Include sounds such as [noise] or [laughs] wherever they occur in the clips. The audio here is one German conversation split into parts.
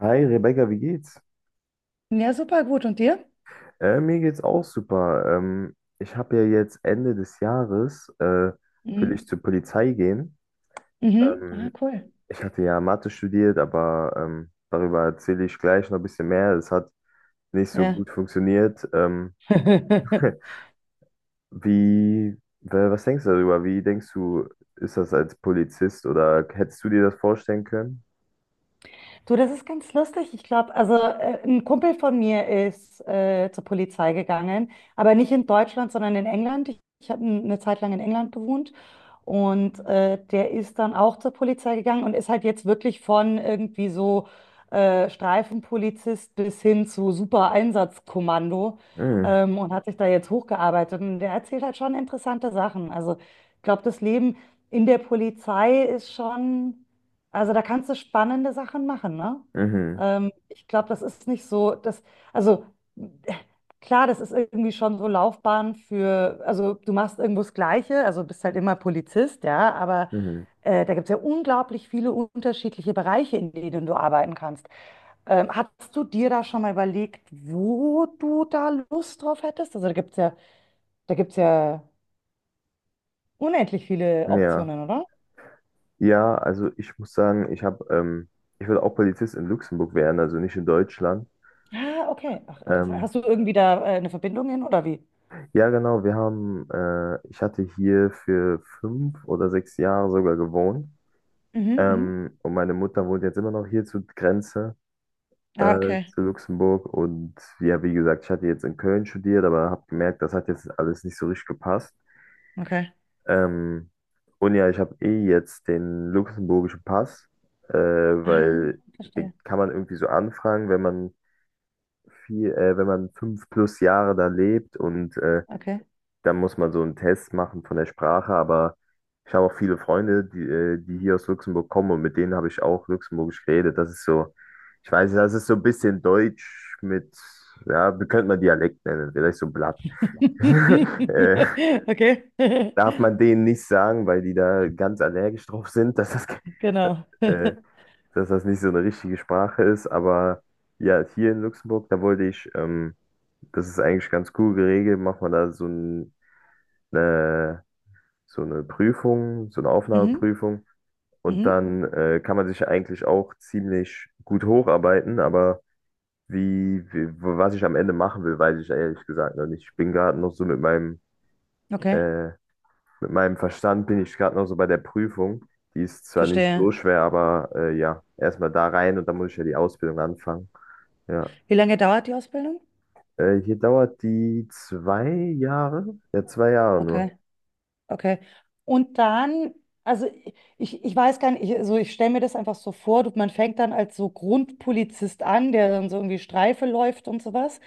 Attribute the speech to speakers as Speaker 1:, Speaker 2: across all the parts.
Speaker 1: Hi Rebecca, wie geht's?
Speaker 2: Ja, super gut. Und dir?
Speaker 1: Mir geht's auch super. Ich habe ja jetzt Ende des Jahres will
Speaker 2: Mhm.
Speaker 1: ich zur Polizei gehen.
Speaker 2: Mhm. Ah,
Speaker 1: Ähm,
Speaker 2: cool.
Speaker 1: Ich hatte ja Mathe studiert, aber darüber erzähle ich gleich noch ein bisschen mehr. Es hat nicht so
Speaker 2: Ja.
Speaker 1: gut funktioniert. [laughs]
Speaker 2: [laughs]
Speaker 1: Was denkst du darüber? Wie denkst du, ist das als Polizist oder hättest du dir das vorstellen können?
Speaker 2: Du, das ist ganz lustig. Ich glaube, also ein Kumpel von mir ist zur Polizei gegangen, aber nicht in Deutschland, sondern in England. Ich habe eine Zeit lang in England gewohnt. Und der ist dann auch zur Polizei gegangen und ist halt jetzt wirklich von irgendwie so Streifenpolizist bis hin zu Super-Einsatzkommando,
Speaker 1: Mhm,
Speaker 2: und hat sich da jetzt hochgearbeitet. Und der erzählt halt schon interessante Sachen. Also ich glaube, das Leben in der Polizei ist schon, also da kannst du spannende Sachen machen, ne?
Speaker 1: mhm,
Speaker 2: Ich glaube, das ist nicht so, das, also klar, das ist irgendwie schon so Laufbahn für, also du machst irgendwo das Gleiche, also bist halt immer Polizist, ja, aber
Speaker 1: mhm.
Speaker 2: da gibt es ja unglaublich viele unterschiedliche Bereiche, in denen du arbeiten kannst. Hast du dir da schon mal überlegt, wo du da Lust drauf hättest? Also da gibt es ja unendlich viele
Speaker 1: Ja.
Speaker 2: Optionen, oder?
Speaker 1: Ja, also ich muss sagen, ich würde auch Polizist in Luxemburg werden, also nicht in Deutschland.
Speaker 2: Ah, okay. Ach, interessant.
Speaker 1: Ähm,
Speaker 2: Hast du irgendwie da eine Verbindung hin oder wie?
Speaker 1: ja, genau, ich hatte hier für 5 oder 6 Jahre sogar gewohnt.
Speaker 2: Mhm, mhm.
Speaker 1: Und meine Mutter wohnt jetzt immer noch hier zur Grenze,
Speaker 2: Ah, okay,
Speaker 1: zu Luxemburg. Und ja, wie gesagt, ich hatte jetzt in Köln studiert, aber habe gemerkt, das hat jetzt alles nicht so richtig gepasst.
Speaker 2: okay.
Speaker 1: Ähm, und ja, ich habe eh jetzt den luxemburgischen Pass,
Speaker 2: Ah,
Speaker 1: weil
Speaker 2: verstehe.
Speaker 1: den kann man irgendwie so anfragen, wenn man wenn man 5 plus Jahre da lebt und
Speaker 2: Okay.
Speaker 1: dann muss man so einen Test machen von der Sprache. Aber ich habe auch viele Freunde, die hier aus Luxemburg kommen, und mit denen habe ich auch Luxemburgisch geredet. Das ist so, ich weiß nicht, das ist so ein bisschen Deutsch mit, ja, wie könnte man Dialekt nennen? Vielleicht so Blatt. [laughs] äh,
Speaker 2: [laughs] Okay, [laughs]
Speaker 1: Darf man denen nicht sagen, weil die da ganz allergisch drauf sind,
Speaker 2: genau.
Speaker 1: äh,
Speaker 2: [laughs]
Speaker 1: dass das nicht so eine richtige Sprache ist. Aber ja, hier in Luxemburg, da wollte ich Das ist eigentlich ganz cool geregelt. Macht man da so eine, so eine Prüfung, so eine
Speaker 2: Mhm.
Speaker 1: Aufnahmeprüfung. Und
Speaker 2: Mhm.
Speaker 1: dann kann man sich eigentlich auch ziemlich gut hocharbeiten. Aber was ich am Ende machen will, weiß ich ehrlich gesagt noch nicht. Ich bin gerade noch so
Speaker 2: Okay,
Speaker 1: äh, mit meinem Verstand, bin ich gerade noch so bei der Prüfung. Die ist zwar nicht
Speaker 2: verstehe.
Speaker 1: so schwer, aber ja, erstmal da rein und dann muss ich ja die Ausbildung anfangen. Ja.
Speaker 2: Wie lange dauert die Ausbildung?
Speaker 1: Hier dauert die 2 Jahre. Ja, 2 Jahre nur.
Speaker 2: Okay, okay. Und dann, also ich weiß gar nicht, ich, also ich stelle mir das einfach so vor, du, man fängt dann als so Grundpolizist an, der dann so irgendwie Streife läuft und sowas.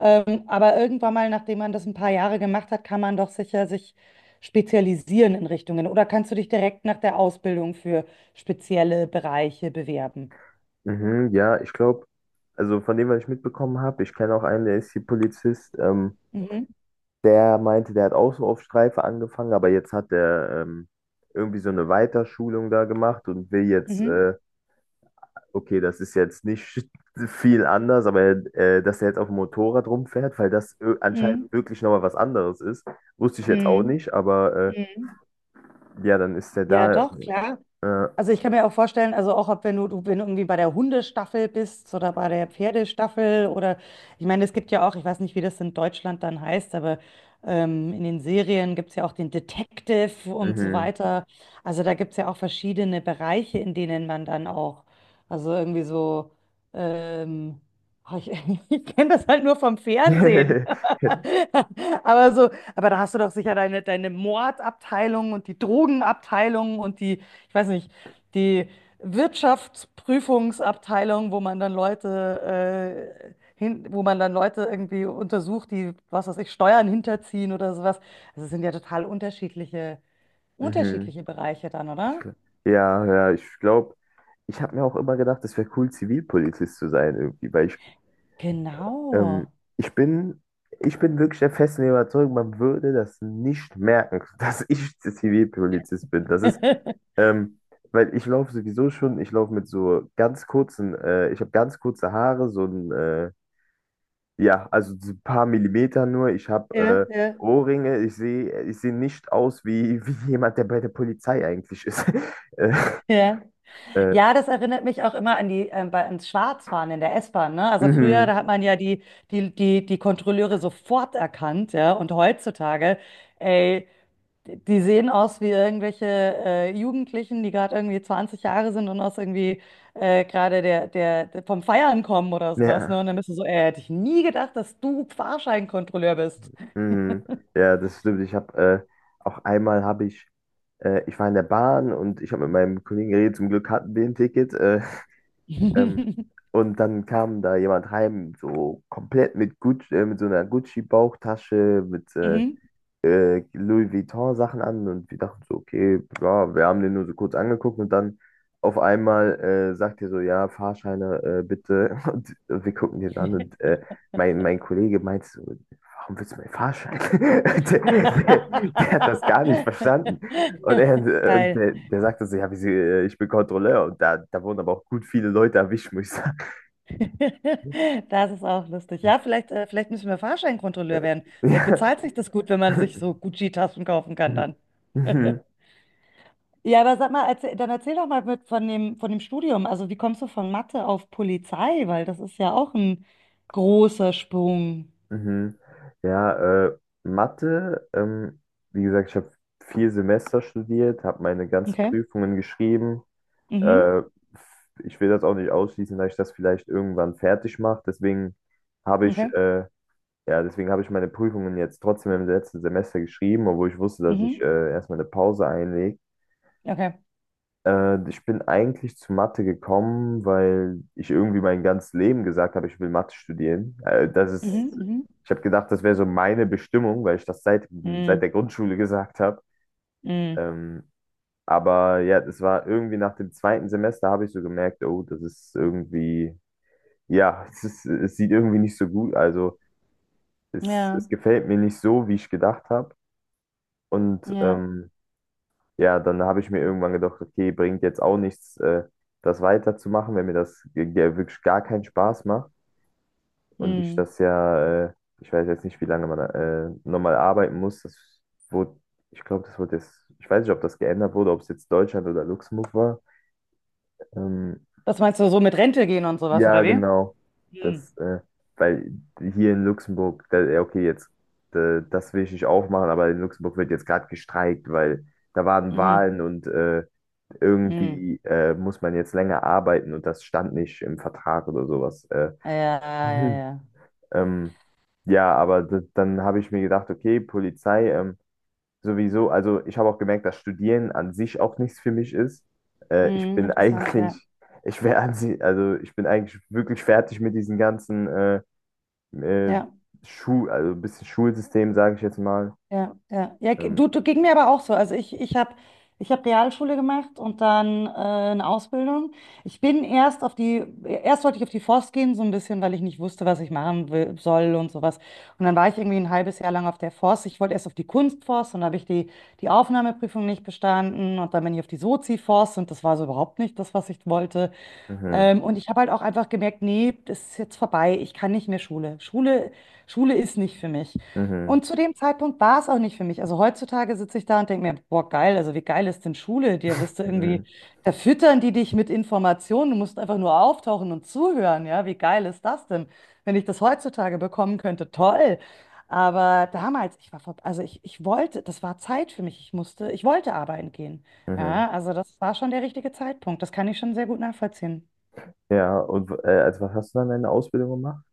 Speaker 2: Aber irgendwann mal, nachdem man das ein paar Jahre gemacht hat, kann man doch sicher sich spezialisieren in Richtungen. Oder kannst du dich direkt nach der Ausbildung für spezielle Bereiche bewerben?
Speaker 1: Mhm, ja, ich glaube, also von dem, was ich mitbekommen habe, ich kenne auch einen, der ist hier Polizist.
Speaker 2: Mhm.
Speaker 1: Der meinte, der hat auch so auf Streife angefangen, aber jetzt hat er irgendwie so eine Weiterschulung da gemacht und will jetzt,
Speaker 2: Mhm.
Speaker 1: okay, das ist jetzt nicht [laughs] viel anders, aber dass er jetzt auf dem Motorrad rumfährt, weil das anscheinend
Speaker 2: Mhm.
Speaker 1: wirklich nochmal was anderes ist. Wusste ich jetzt auch
Speaker 2: Mhm.
Speaker 1: nicht, aber
Speaker 2: Mhm.
Speaker 1: ja, dann ist er
Speaker 2: Ja,
Speaker 1: da.
Speaker 2: doch, klar.
Speaker 1: Äh,
Speaker 2: Also ich kann mir auch vorstellen, also auch ob wenn du, du wenn du irgendwie bei der Hundestaffel bist oder bei der Pferdestaffel oder ich meine, es gibt ja auch, ich weiß nicht, wie das in Deutschland dann heißt, aber in den Serien gibt es ja auch den Detective und so
Speaker 1: mhm.
Speaker 2: weiter. Also da gibt es ja auch verschiedene Bereiche, in denen man dann auch, also irgendwie so, ähm, oh, ich, [laughs] ich kenne das halt nur vom Fernsehen.
Speaker 1: [laughs]
Speaker 2: [laughs] Aber so, aber da hast du doch sicher deine Mordabteilung und die Drogenabteilung und die, ich weiß nicht, die Wirtschaftsprüfungsabteilung, wo man dann Leute, hin, wo man dann Leute irgendwie untersucht, die, was weiß ich, Steuern hinterziehen oder sowas. Also es sind ja total unterschiedliche,
Speaker 1: Mhm.
Speaker 2: unterschiedliche Bereiche dann,
Speaker 1: Ich,
Speaker 2: oder?
Speaker 1: gl- ja, ja, ich glaube, ich habe mir auch immer gedacht, es wäre cool, Zivilpolizist zu sein irgendwie, ähm,
Speaker 2: Genau.
Speaker 1: ich bin, ich bin wirklich der festen Überzeugung, man würde das nicht merken, [laughs] dass ich Zivilpolizist bin.
Speaker 2: [laughs]
Speaker 1: Ähm, Weil ich laufe sowieso schon, ich laufe mit so ganz kurzen, ich habe ganz kurze Haare, so ein, ja, also so ein paar Millimeter nur. Ich habe
Speaker 2: Ja, ja.
Speaker 1: Ohrringe, ich sehe nicht aus wie, [laughs] wie jemand, der bei der Polizei eigentlich ist. [laughs] Äh,
Speaker 2: Ja.
Speaker 1: äh,
Speaker 2: Ja, das erinnert mich auch immer an die, bei, ans Schwarzfahren in der S-Bahn, ne? Also früher,
Speaker 1: Mhm.
Speaker 2: da hat man ja die Kontrolleure sofort erkannt, ja? Und heutzutage, ey, die sehen aus wie irgendwelche Jugendlichen, die gerade irgendwie 20 Jahre sind und aus irgendwie gerade der vom Feiern kommen oder sowas, ne?
Speaker 1: Ja.
Speaker 2: Und dann bist du so, ey, hätte ich nie gedacht, dass du Fahrscheinkontrolleur bist.
Speaker 1: Mhm. Ja, das stimmt. Ich habe Auch einmal ich war in der Bahn und ich habe mit meinem Kollegen geredet, zum Glück hatten wir ein Ticket. [laughs] Ähm,
Speaker 2: [laughs]
Speaker 1: und dann kam da jemand heim, so komplett mit so einer Gucci-Bauchtasche, mit äh,
Speaker 2: Mhm.
Speaker 1: äh, Louis Vuitton-Sachen an, und wir dachten so, okay, ja, wir haben den nur so kurz angeguckt. Und dann auf einmal sagt er so, ja, Fahrscheine bitte. [laughs] Und wir gucken den an und mein Kollege meint so, warum willst du meinen Fahrschein? [laughs] Der hat das gar nicht
Speaker 2: [laughs]
Speaker 1: verstanden. Und er, und
Speaker 2: Geil.
Speaker 1: der, der sagte so, ja, wieso, ich bin Kontrolleur. Und da wurden aber auch gut viele Leute erwischt, muss ich sagen.
Speaker 2: [laughs] Das ist auch lustig. Ja, vielleicht müssen wir Fahrscheinkontrolleur werden. Vielleicht bezahlt sich das gut, wenn man sich so
Speaker 1: [laughs]
Speaker 2: Gucci-Taschen kaufen kann dann.
Speaker 1: Ja. [laughs]
Speaker 2: Ja, aber sag mal, erzähl, dann erzähl doch mal mit von dem Studium. Also wie kommst du von Mathe auf Polizei? Weil das ist ja auch ein großer Sprung.
Speaker 1: Mhm. Ja, Mathe, wie gesagt, ich habe 4 Semester studiert, habe meine ganzen
Speaker 2: Okay.
Speaker 1: Prüfungen geschrieben.
Speaker 2: Mhm.
Speaker 1: Äh, Ich will das auch nicht ausschließen, dass ich das vielleicht irgendwann fertig mache. Habe ich,
Speaker 2: Okay.
Speaker 1: äh, ja, Deswegen habe ich meine Prüfungen jetzt trotzdem im letzten Semester geschrieben, obwohl ich wusste, dass ich
Speaker 2: Mhm.
Speaker 1: erstmal eine Pause einlege.
Speaker 2: Okay.
Speaker 1: Ich bin eigentlich zu Mathe gekommen, weil ich irgendwie mein ganzes Leben gesagt habe, ich will Mathe studieren.
Speaker 2: Mhm. Mhm.
Speaker 1: Ich habe gedacht, das wäre so meine Bestimmung, weil ich das seit
Speaker 2: Mhm.
Speaker 1: der Grundschule gesagt habe.
Speaker 2: Mhm.
Speaker 1: Ähm, aber ja, das war irgendwie nach dem zweiten Semester. Habe ich so gemerkt, oh, das ist irgendwie, ja, [laughs] es sieht irgendwie nicht so gut. Also es,
Speaker 2: Ja.
Speaker 1: es gefällt mir nicht so, wie ich gedacht habe. Und
Speaker 2: Ja.
Speaker 1: ja, dann habe ich mir irgendwann gedacht, okay, bringt jetzt auch nichts, das weiterzumachen, wenn mir das wirklich gar keinen Spaß macht. Und
Speaker 2: Mhm.
Speaker 1: ich weiß jetzt nicht, wie lange man nochmal arbeiten muss. Das wurde, ich glaube, das wurde jetzt, ich weiß nicht, ob das geändert wurde, ob es jetzt Deutschland oder Luxemburg war. Ähm,
Speaker 2: Was meinst du, so mit Rente gehen und sowas,
Speaker 1: ja,
Speaker 2: oder wie?
Speaker 1: genau.
Speaker 2: Mhm.
Speaker 1: Das, äh, Weil hier in Luxemburg, da, ja, okay, jetzt, das will ich nicht aufmachen, aber in Luxemburg wird jetzt gerade gestreikt, weil da waren
Speaker 2: Mhm.
Speaker 1: Wahlen. Und
Speaker 2: Mhm.
Speaker 1: irgendwie muss man jetzt länger arbeiten, und das stand nicht im Vertrag oder sowas.
Speaker 2: Ja, ja,
Speaker 1: Mhm.
Speaker 2: ja.
Speaker 1: ähm, ja, aber dann habe ich mir gedacht, okay, Polizei, sowieso, also ich habe auch gemerkt, dass Studieren an sich auch nichts für mich ist. Ich
Speaker 2: Mhm,
Speaker 1: bin [laughs]
Speaker 2: interessant,
Speaker 1: eigentlich,
Speaker 2: ja.
Speaker 1: ich wäre an sich, also ich bin eigentlich wirklich fertig mit diesen ganzen äh,
Speaker 2: Ja.
Speaker 1: Schu also ein bisschen Schulsystem, sage ich jetzt mal.
Speaker 2: Ja, ja. Ja,
Speaker 1: Ähm,
Speaker 2: du ging mir aber auch so. Also ich hab Realschule gemacht und dann eine Ausbildung. Ich bin erst auf die, erst wollte ich auf die Forst gehen, so ein bisschen, weil ich nicht wusste, was ich machen will, soll und sowas. Und dann war ich irgendwie ein halbes Jahr lang auf der Forst. Ich wollte erst auf die Kunstforst und da habe ich die Aufnahmeprüfung nicht bestanden. Und dann bin ich auf die Sozi-Forst und das war so überhaupt nicht das, was ich wollte.
Speaker 1: mhm,
Speaker 2: Und ich habe halt auch einfach gemerkt, nee, das ist jetzt vorbei. Ich kann nicht mehr Schule. Schule, Schule ist nicht für mich.
Speaker 1: mhm,
Speaker 2: Und zu dem Zeitpunkt war es auch nicht für mich. Also heutzutage sitze ich da und denke mir, boah, geil, also wie geil ist denn Schule? Dir wirst du
Speaker 1: mhm,
Speaker 2: irgendwie, da füttern die dich mit Informationen, du musst einfach nur auftauchen und zuhören, ja, wie geil ist das denn? Wenn ich das heutzutage bekommen könnte, toll. Aber damals, ich war, also ich wollte, das war Zeit für mich, ich musste, ich wollte arbeiten gehen.
Speaker 1: mhm.
Speaker 2: Ja, also das war schon der richtige Zeitpunkt, das kann ich schon sehr gut nachvollziehen.
Speaker 1: Ja, und also was hast du dann in der Ausbildung gemacht?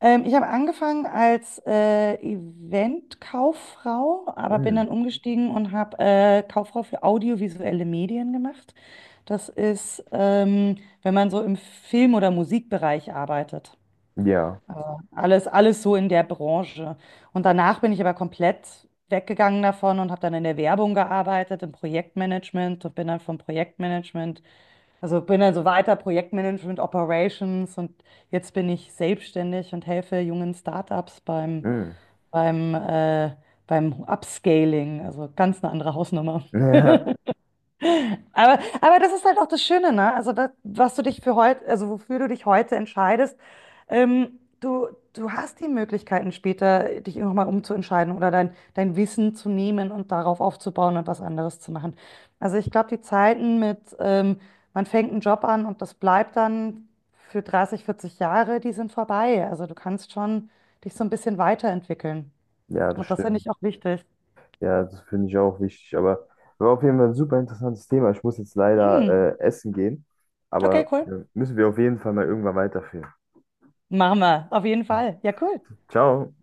Speaker 2: Ich habe angefangen als Event-Kauffrau, aber bin
Speaker 1: Mhm.
Speaker 2: dann umgestiegen und habe Kauffrau für audiovisuelle Medien gemacht. Das ist, wenn man so im Film- oder Musikbereich arbeitet.
Speaker 1: Ja.
Speaker 2: Also alles, alles so in der Branche. Und danach bin ich aber komplett weggegangen davon und habe dann in der Werbung gearbeitet, im Projektmanagement und bin dann vom Projektmanagement, also bin dann so weiter Projektmanagement, Operations und jetzt bin ich selbstständig und helfe jungen Startups beim,
Speaker 1: Mm.
Speaker 2: beim, äh, beim Upscaling. Also ganz eine andere Hausnummer.
Speaker 1: [laughs] Ja.
Speaker 2: Aber das ist halt auch das Schöne, ne? Also das, was du dich für heute, also wofür du dich heute entscheidest, ähm, du, du hast die Möglichkeiten später, dich nochmal umzuentscheiden oder dein Wissen zu nehmen und darauf aufzubauen und was anderes zu machen. Also ich glaube, die Zeiten mit, man fängt einen Job an und das bleibt dann für 30, 40 Jahre, die sind vorbei. Also du kannst schon dich so ein bisschen weiterentwickeln.
Speaker 1: Ja, das
Speaker 2: Und das finde
Speaker 1: stimmt.
Speaker 2: ich auch wichtig.
Speaker 1: Ja, das finde ich auch wichtig. Aber war auf jeden Fall ein super interessantes Thema. Ich muss jetzt leider
Speaker 2: Mm.
Speaker 1: essen gehen.
Speaker 2: Okay,
Speaker 1: Aber
Speaker 2: cool.
Speaker 1: müssen wir auf jeden Fall mal irgendwann weiterführen.
Speaker 2: Machen wir, auf jeden Fall. Ja, cool.
Speaker 1: Ciao.